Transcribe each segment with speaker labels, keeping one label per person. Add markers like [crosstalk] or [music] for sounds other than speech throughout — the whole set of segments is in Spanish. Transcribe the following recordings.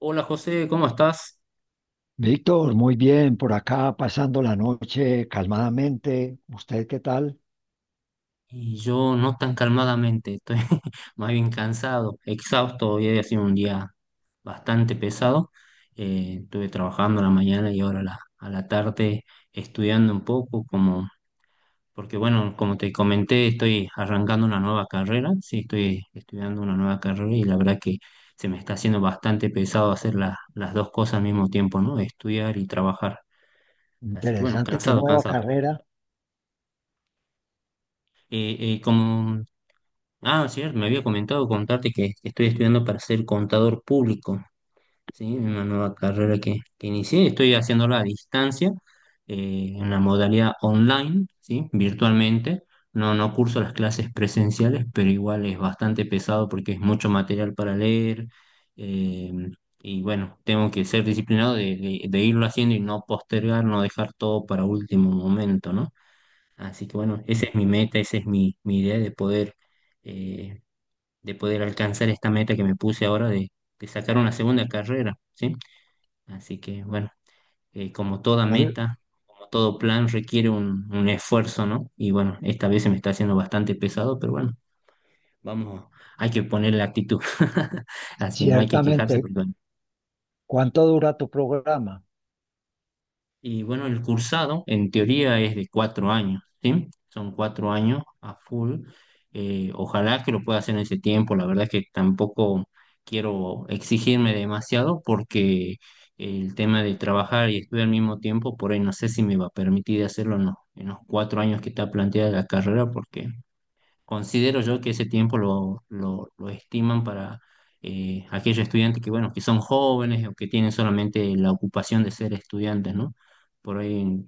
Speaker 1: Hola José, ¿cómo estás?
Speaker 2: Víctor, muy bien, por acá pasando la noche calmadamente. ¿Usted qué tal?
Speaker 1: Y yo no tan calmadamente, estoy [laughs] más bien cansado, exhausto. Hoy ha sido un día bastante pesado. Estuve trabajando a la mañana y ahora a la tarde estudiando un poco, como, porque bueno, como te comenté, estoy arrancando una nueva carrera. Sí, estoy estudiando una nueva carrera y la verdad que se me está haciendo bastante pesado hacer las dos cosas al mismo tiempo, ¿no? Estudiar y trabajar. Así que bueno,
Speaker 2: Interesante, qué
Speaker 1: cansado,
Speaker 2: nueva
Speaker 1: cansado.
Speaker 2: carrera.
Speaker 1: Como Ah, cierto, me había comentado contarte que estoy estudiando para ser contador público, ¿sí? Una nueva carrera que inicié, estoy haciéndola a distancia, en la modalidad online, ¿sí? Virtualmente. No, no curso las clases presenciales, pero igual es bastante pesado porque es mucho material para leer. eh, y bueno, tengo que ser disciplinado de irlo haciendo y no postergar, no dejar todo para último momento, ¿no? Así que bueno, esa es mi meta, esa es mi idea eh, de poder alcanzar esta meta que me puse ahora de sacar una segunda carrera, ¿sí? Así que bueno, como toda
Speaker 2: Muy
Speaker 1: meta, como todo plan requiere un esfuerzo, ¿no? Y bueno, esta vez se me está haciendo bastante pesado, pero bueno, vamos, hay que poner la actitud. [laughs] Así que no hay que quejarse
Speaker 2: Ciertamente,
Speaker 1: porque bueno.
Speaker 2: ¿cuánto dura tu programa?
Speaker 1: Y bueno, el cursado en teoría es de 4 años, ¿sí? Son 4 años a full. Ojalá que lo pueda hacer en ese tiempo. La verdad es que tampoco quiero exigirme demasiado porque el tema de trabajar y estudiar al mismo tiempo, por ahí no sé si me va a permitir hacerlo en los 4 años que está planteada la carrera, porque considero yo que ese tiempo lo estiman para aquellos estudiantes que, bueno, que son jóvenes o que tienen solamente la ocupación de ser estudiantes, ¿no? Por ahí, en,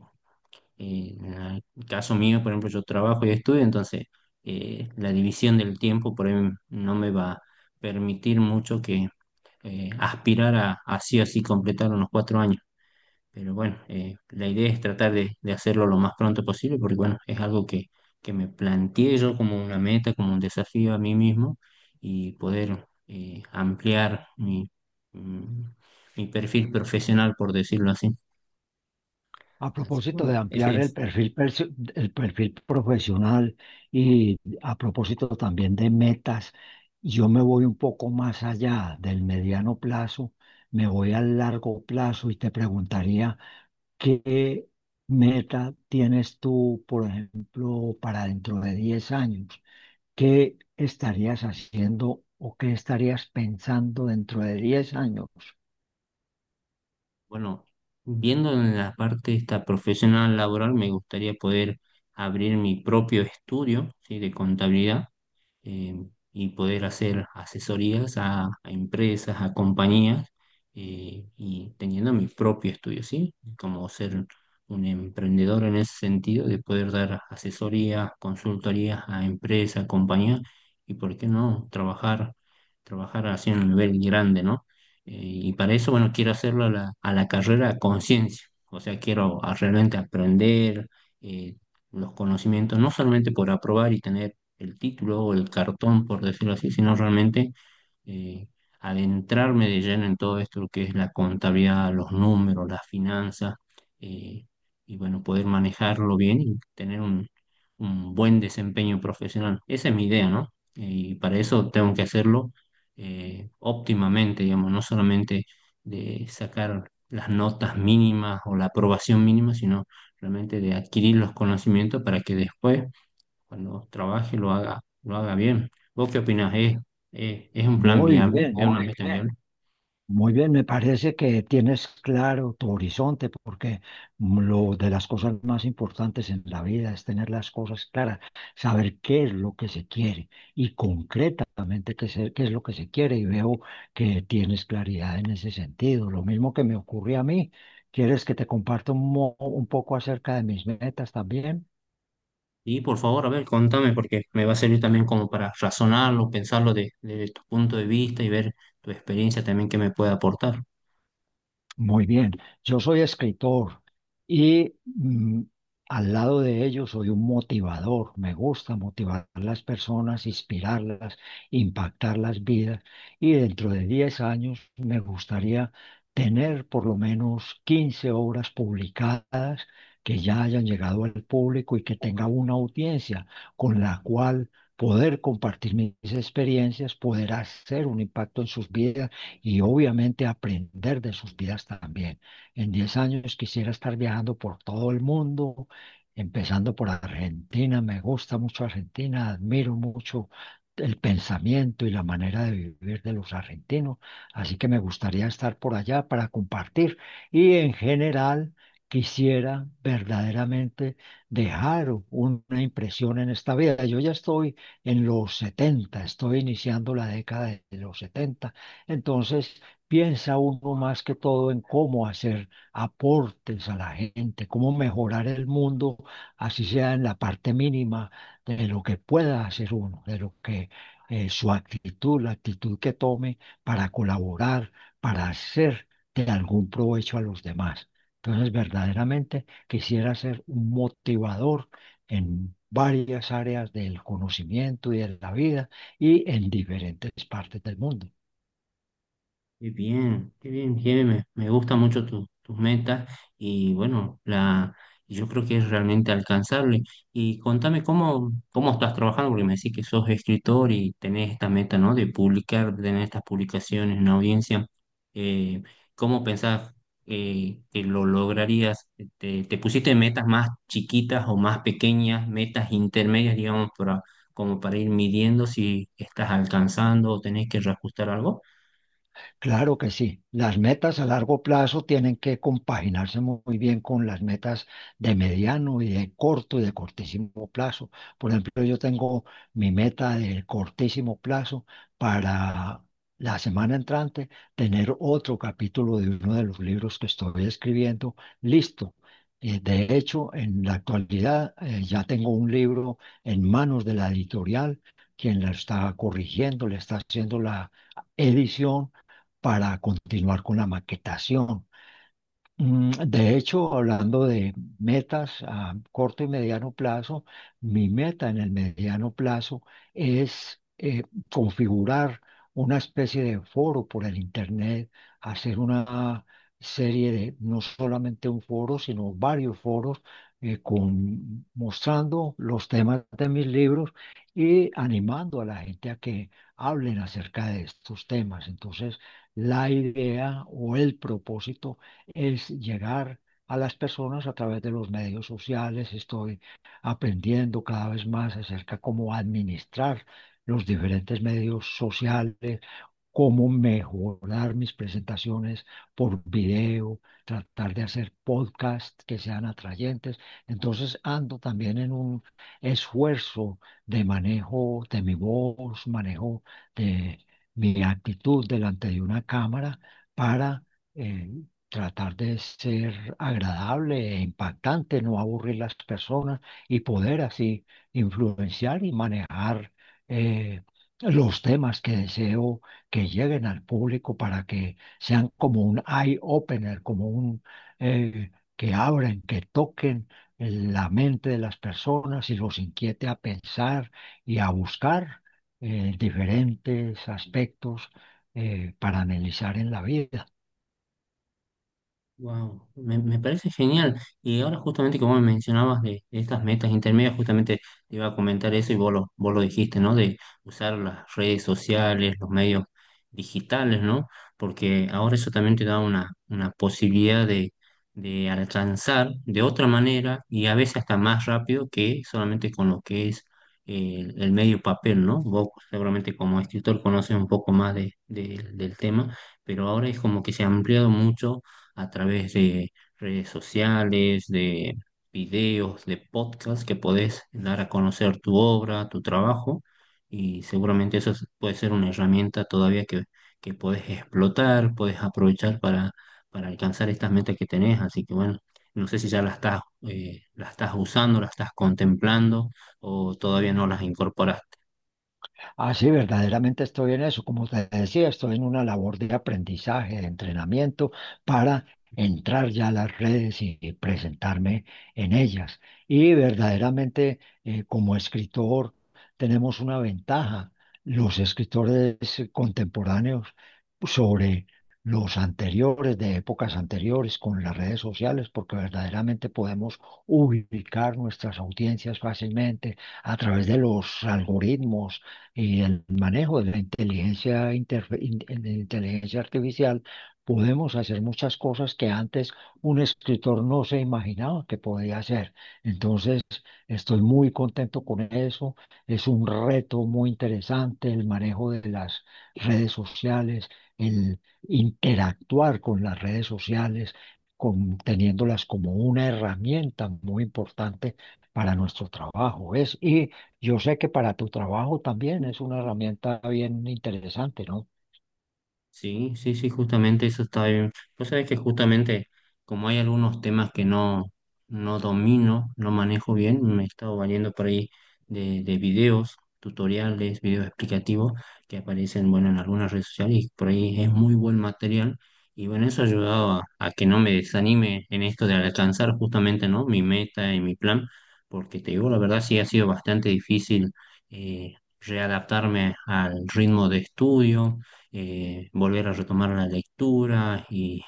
Speaker 1: eh, en el caso mío, por ejemplo, yo trabajo y estudio, entonces la división del tiempo por ahí no me va a permitir mucho que aspirar a así o así completar unos 4 años. Pero bueno, la idea es tratar de hacerlo lo más pronto posible, porque bueno, es algo que me planteé yo como una meta, como un desafío a mí mismo y poder ampliar mm, mi perfil profesional, por decirlo así.
Speaker 2: A
Speaker 1: Así que
Speaker 2: propósito de
Speaker 1: bueno, ese
Speaker 2: ampliar el
Speaker 1: es.
Speaker 2: perfil, perso- el perfil profesional y a propósito también de metas, yo me voy un poco más allá del mediano plazo, me voy al largo plazo y te preguntaría. ¿Qué meta tienes tú, por ejemplo, para dentro de 10 años? ¿Qué estarías haciendo o qué estarías pensando dentro de 10 años?
Speaker 1: Bueno, viendo en la parte esta profesional laboral, me gustaría poder abrir mi propio estudio, ¿sí?, de contabilidad, eh, y poder hacer asesorías a empresas, a compañías, y teniendo mi propio estudio, ¿sí? Como ser un emprendedor en ese sentido, de poder dar asesorías, consultorías a empresas, compañías y, ¿por qué no?, trabajar, trabajar así en un nivel grande, ¿no? Y para eso, bueno, quiero hacerlo a la carrera a conciencia. O sea, quiero realmente aprender eh, los conocimientos, no solamente por aprobar y tener el título o el cartón, por decirlo así, sino realmente eh, adentrarme de lleno en todo esto, lo que es la contabilidad, los números, las finanzas. eh, y bueno, poder manejarlo bien y tener un buen desempeño profesional. Esa es mi idea, ¿no? Y para eso tengo que hacerlo óptimamente, digamos, no solamente de sacar las notas mínimas o la aprobación mínima, sino realmente de adquirir los conocimientos para que después cuando trabaje lo haga bien. ¿Vos qué opinás? ¿Es un plan
Speaker 2: Muy
Speaker 1: viable? ¿Es
Speaker 2: bien.
Speaker 1: una meta viable?
Speaker 2: Muy bien, me parece que tienes claro tu horizonte, porque lo de las cosas más importantes en la vida es tener las cosas claras, saber qué es lo que se quiere y concretamente qué es lo que se quiere. Y veo que tienes claridad en ese sentido. Lo mismo que me ocurrió a mí. ¿Quieres que te comparta un poco acerca de mis metas también?
Speaker 1: Y por favor, a ver, contame, porque me va a servir también como para razonarlo, pensarlo desde tu punto de vista y ver tu experiencia también que me puede aportar.
Speaker 2: Muy bien, yo soy escritor y al lado de ello soy un motivador. Me gusta motivar a las personas, inspirarlas, impactar las vidas y dentro de 10 años me gustaría tener por lo menos 15 obras publicadas que ya hayan llegado al público y que tenga una audiencia con la cual poder compartir mis experiencias, poder hacer un impacto en sus vidas y obviamente aprender de sus vidas también. En 10 años quisiera estar viajando por todo el mundo, empezando por Argentina. Me gusta mucho Argentina, admiro mucho el pensamiento y la manera de vivir de los argentinos. Así que me gustaría estar por allá para compartir y en general quisiera verdaderamente dejar una impresión en esta vida. Yo ya estoy en los setenta, estoy iniciando la década de los setenta, entonces piensa uno más que todo en cómo hacer aportes a la gente, cómo mejorar el mundo, así sea en la parte mínima de lo que pueda hacer uno, de lo que su actitud, la actitud que tome para colaborar, para hacer de algún provecho a los demás. Entonces, verdaderamente quisiera ser un motivador en varias áreas del conocimiento y de la vida y en diferentes partes del mundo.
Speaker 1: Qué bien, Jimé. Me gustan mucho tus metas y bueno, yo creo que es realmente alcanzable. Y contame cómo estás trabajando, porque me decís que sos escritor y tenés esta meta, ¿no? De publicar, de tener estas publicaciones en audiencia. Eh, ¿Cómo pensás que lo lograrías? ¿Te pusiste metas más chiquitas o más pequeñas, metas intermedias, digamos, como para ir midiendo si estás alcanzando o tenés que reajustar algo?
Speaker 2: Claro que sí. Las metas a largo plazo tienen que compaginarse muy bien con las metas de mediano y de corto y de cortísimo plazo. Por ejemplo, yo tengo mi meta de cortísimo plazo para la semana entrante tener otro capítulo de uno de los libros que estoy escribiendo listo. De hecho, en la actualidad ya tengo un libro en manos de la editorial, quien la está corrigiendo, le está haciendo la edición para continuar con la maquetación. De hecho, hablando de metas a corto y mediano plazo, mi meta en el mediano plazo es configurar una especie de foro por el Internet, hacer una serie de, no solamente un foro, sino varios foros con, mostrando los temas de mis libros y animando a la gente a que hablen acerca de estos temas. Entonces, la idea o el propósito es llegar a las personas a través de los medios sociales. Estoy aprendiendo cada vez más acerca cómo administrar los diferentes medios sociales, cómo mejorar mis presentaciones por video, tratar de hacer podcasts que sean atrayentes. Entonces ando también en un esfuerzo de manejo de mi voz, manejo de mi actitud delante de una cámara para eh, tratar de ser agradable e impactante, no aburrir las personas y poder así influenciar y manejar eh, los temas que deseo que lleguen al público para que sean como un eye-opener, como un que abren, que toquen la mente de las personas y los inquiete a pensar y a buscar diferentes aspectos para analizar en la vida.
Speaker 1: Wow, me parece genial. Y ahora justamente como me mencionabas de estas metas intermedias, justamente te iba a comentar eso y vos lo dijiste, ¿no? De usar las redes sociales, los medios digitales, ¿no? Porque ahora eso también te da una posibilidad de alcanzar de otra manera y a veces hasta más rápido que solamente con lo que es el medio papel, ¿no? Vos seguramente como escritor conoces un poco más del tema, pero ahora es como que se ha ampliado mucho a través de redes sociales, de videos, de podcasts que podés dar a conocer tu obra, tu trabajo, y seguramente puede ser una herramienta todavía que podés explotar, podés aprovechar para alcanzar estas metas que tenés. Así que bueno, no sé si ya las estás usando, las estás contemplando o todavía no las incorporas.
Speaker 2: Ah, sí, verdaderamente estoy en eso. Como te decía, estoy en una labor de aprendizaje, de entrenamiento para entrar ya a las redes y presentarme en ellas. Y verdaderamente, como escritor, tenemos una ventaja, los escritores contemporáneos sobre los anteriores, de épocas anteriores, con las redes sociales, porque verdaderamente podemos ubicar nuestras audiencias fácilmente a través de los algoritmos y el manejo de la inteligencia, interfe- in- de la inteligencia artificial, podemos hacer muchas cosas que antes un escritor no se imaginaba que podía hacer. Entonces, estoy muy contento con eso. Es un reto muy interesante el manejo de las redes sociales, el interactuar con las redes sociales, con- teniéndolas como una herramienta muy importante para nuestro trabajo. Es, y yo sé que para tu trabajo también es una herramienta bien interesante, ¿no?
Speaker 1: Sí, sí, sí, justamente eso está bien. Vos sabés que justamente como hay algunos temas que no domino, no manejo bien, me he estado valiendo por ahí de videos, tutoriales, videos explicativos que aparecen, bueno, en algunas redes sociales y por ahí es muy buen material. Y bueno, eso ha ayudado a que no me desanime en esto de alcanzar justamente, ¿no? Mi meta y mi plan, porque te digo, la verdad sí ha sido bastante difícil eh, readaptarme al ritmo de estudio, volver a retomar la lectura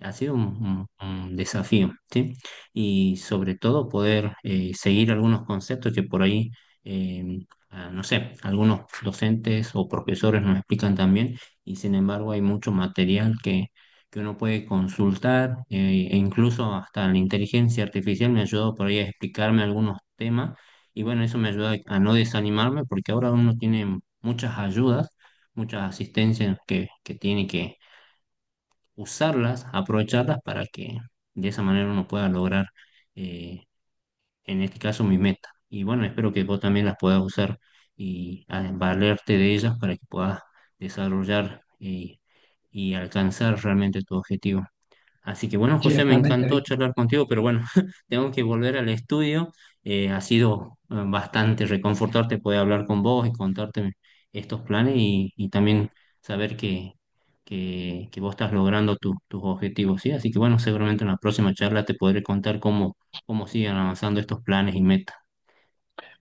Speaker 1: ha sido un desafío, ¿sí? Y sobre todo poder seguir algunos conceptos que por ahí, eh, no sé, algunos docentes o profesores nos explican también, y sin embargo hay mucho material que uno puede consultar. E incluso hasta la inteligencia artificial me ayudó por ahí a explicarme algunos temas, y bueno, eso me ayuda a no desanimarme porque ahora uno tiene muchas ayudas, muchas asistencias que tiene que usarlas, aprovecharlas para que de esa manera uno pueda lograr, eh, en este caso, mi meta. Y bueno, espero que vos también las puedas usar y valerte de ellas para que puedas desarrollar y alcanzar realmente tu objetivo. Así que bueno, José, me
Speaker 2: Ciertamente,
Speaker 1: encantó
Speaker 2: Víctor.
Speaker 1: charlar contigo, pero bueno, [laughs] tengo que volver al estudio. Ha sido bastante reconfortante poder hablar con vos y contarte estos planes y también saber que vos estás logrando tus objetivos, ¿sí? Así que bueno, seguramente en la próxima charla te podré contar cómo siguen avanzando estos planes y metas.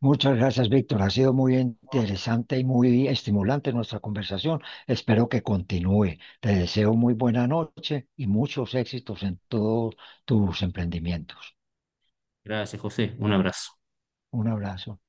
Speaker 2: Muchas gracias, Víctor. Ha sido muy interesante y muy estimulante nuestra conversación. Espero que continúe. Te deseo muy buena noche y muchos éxitos en todos tus emprendimientos.
Speaker 1: Gracias, José. Un abrazo.
Speaker 2: Un abrazo.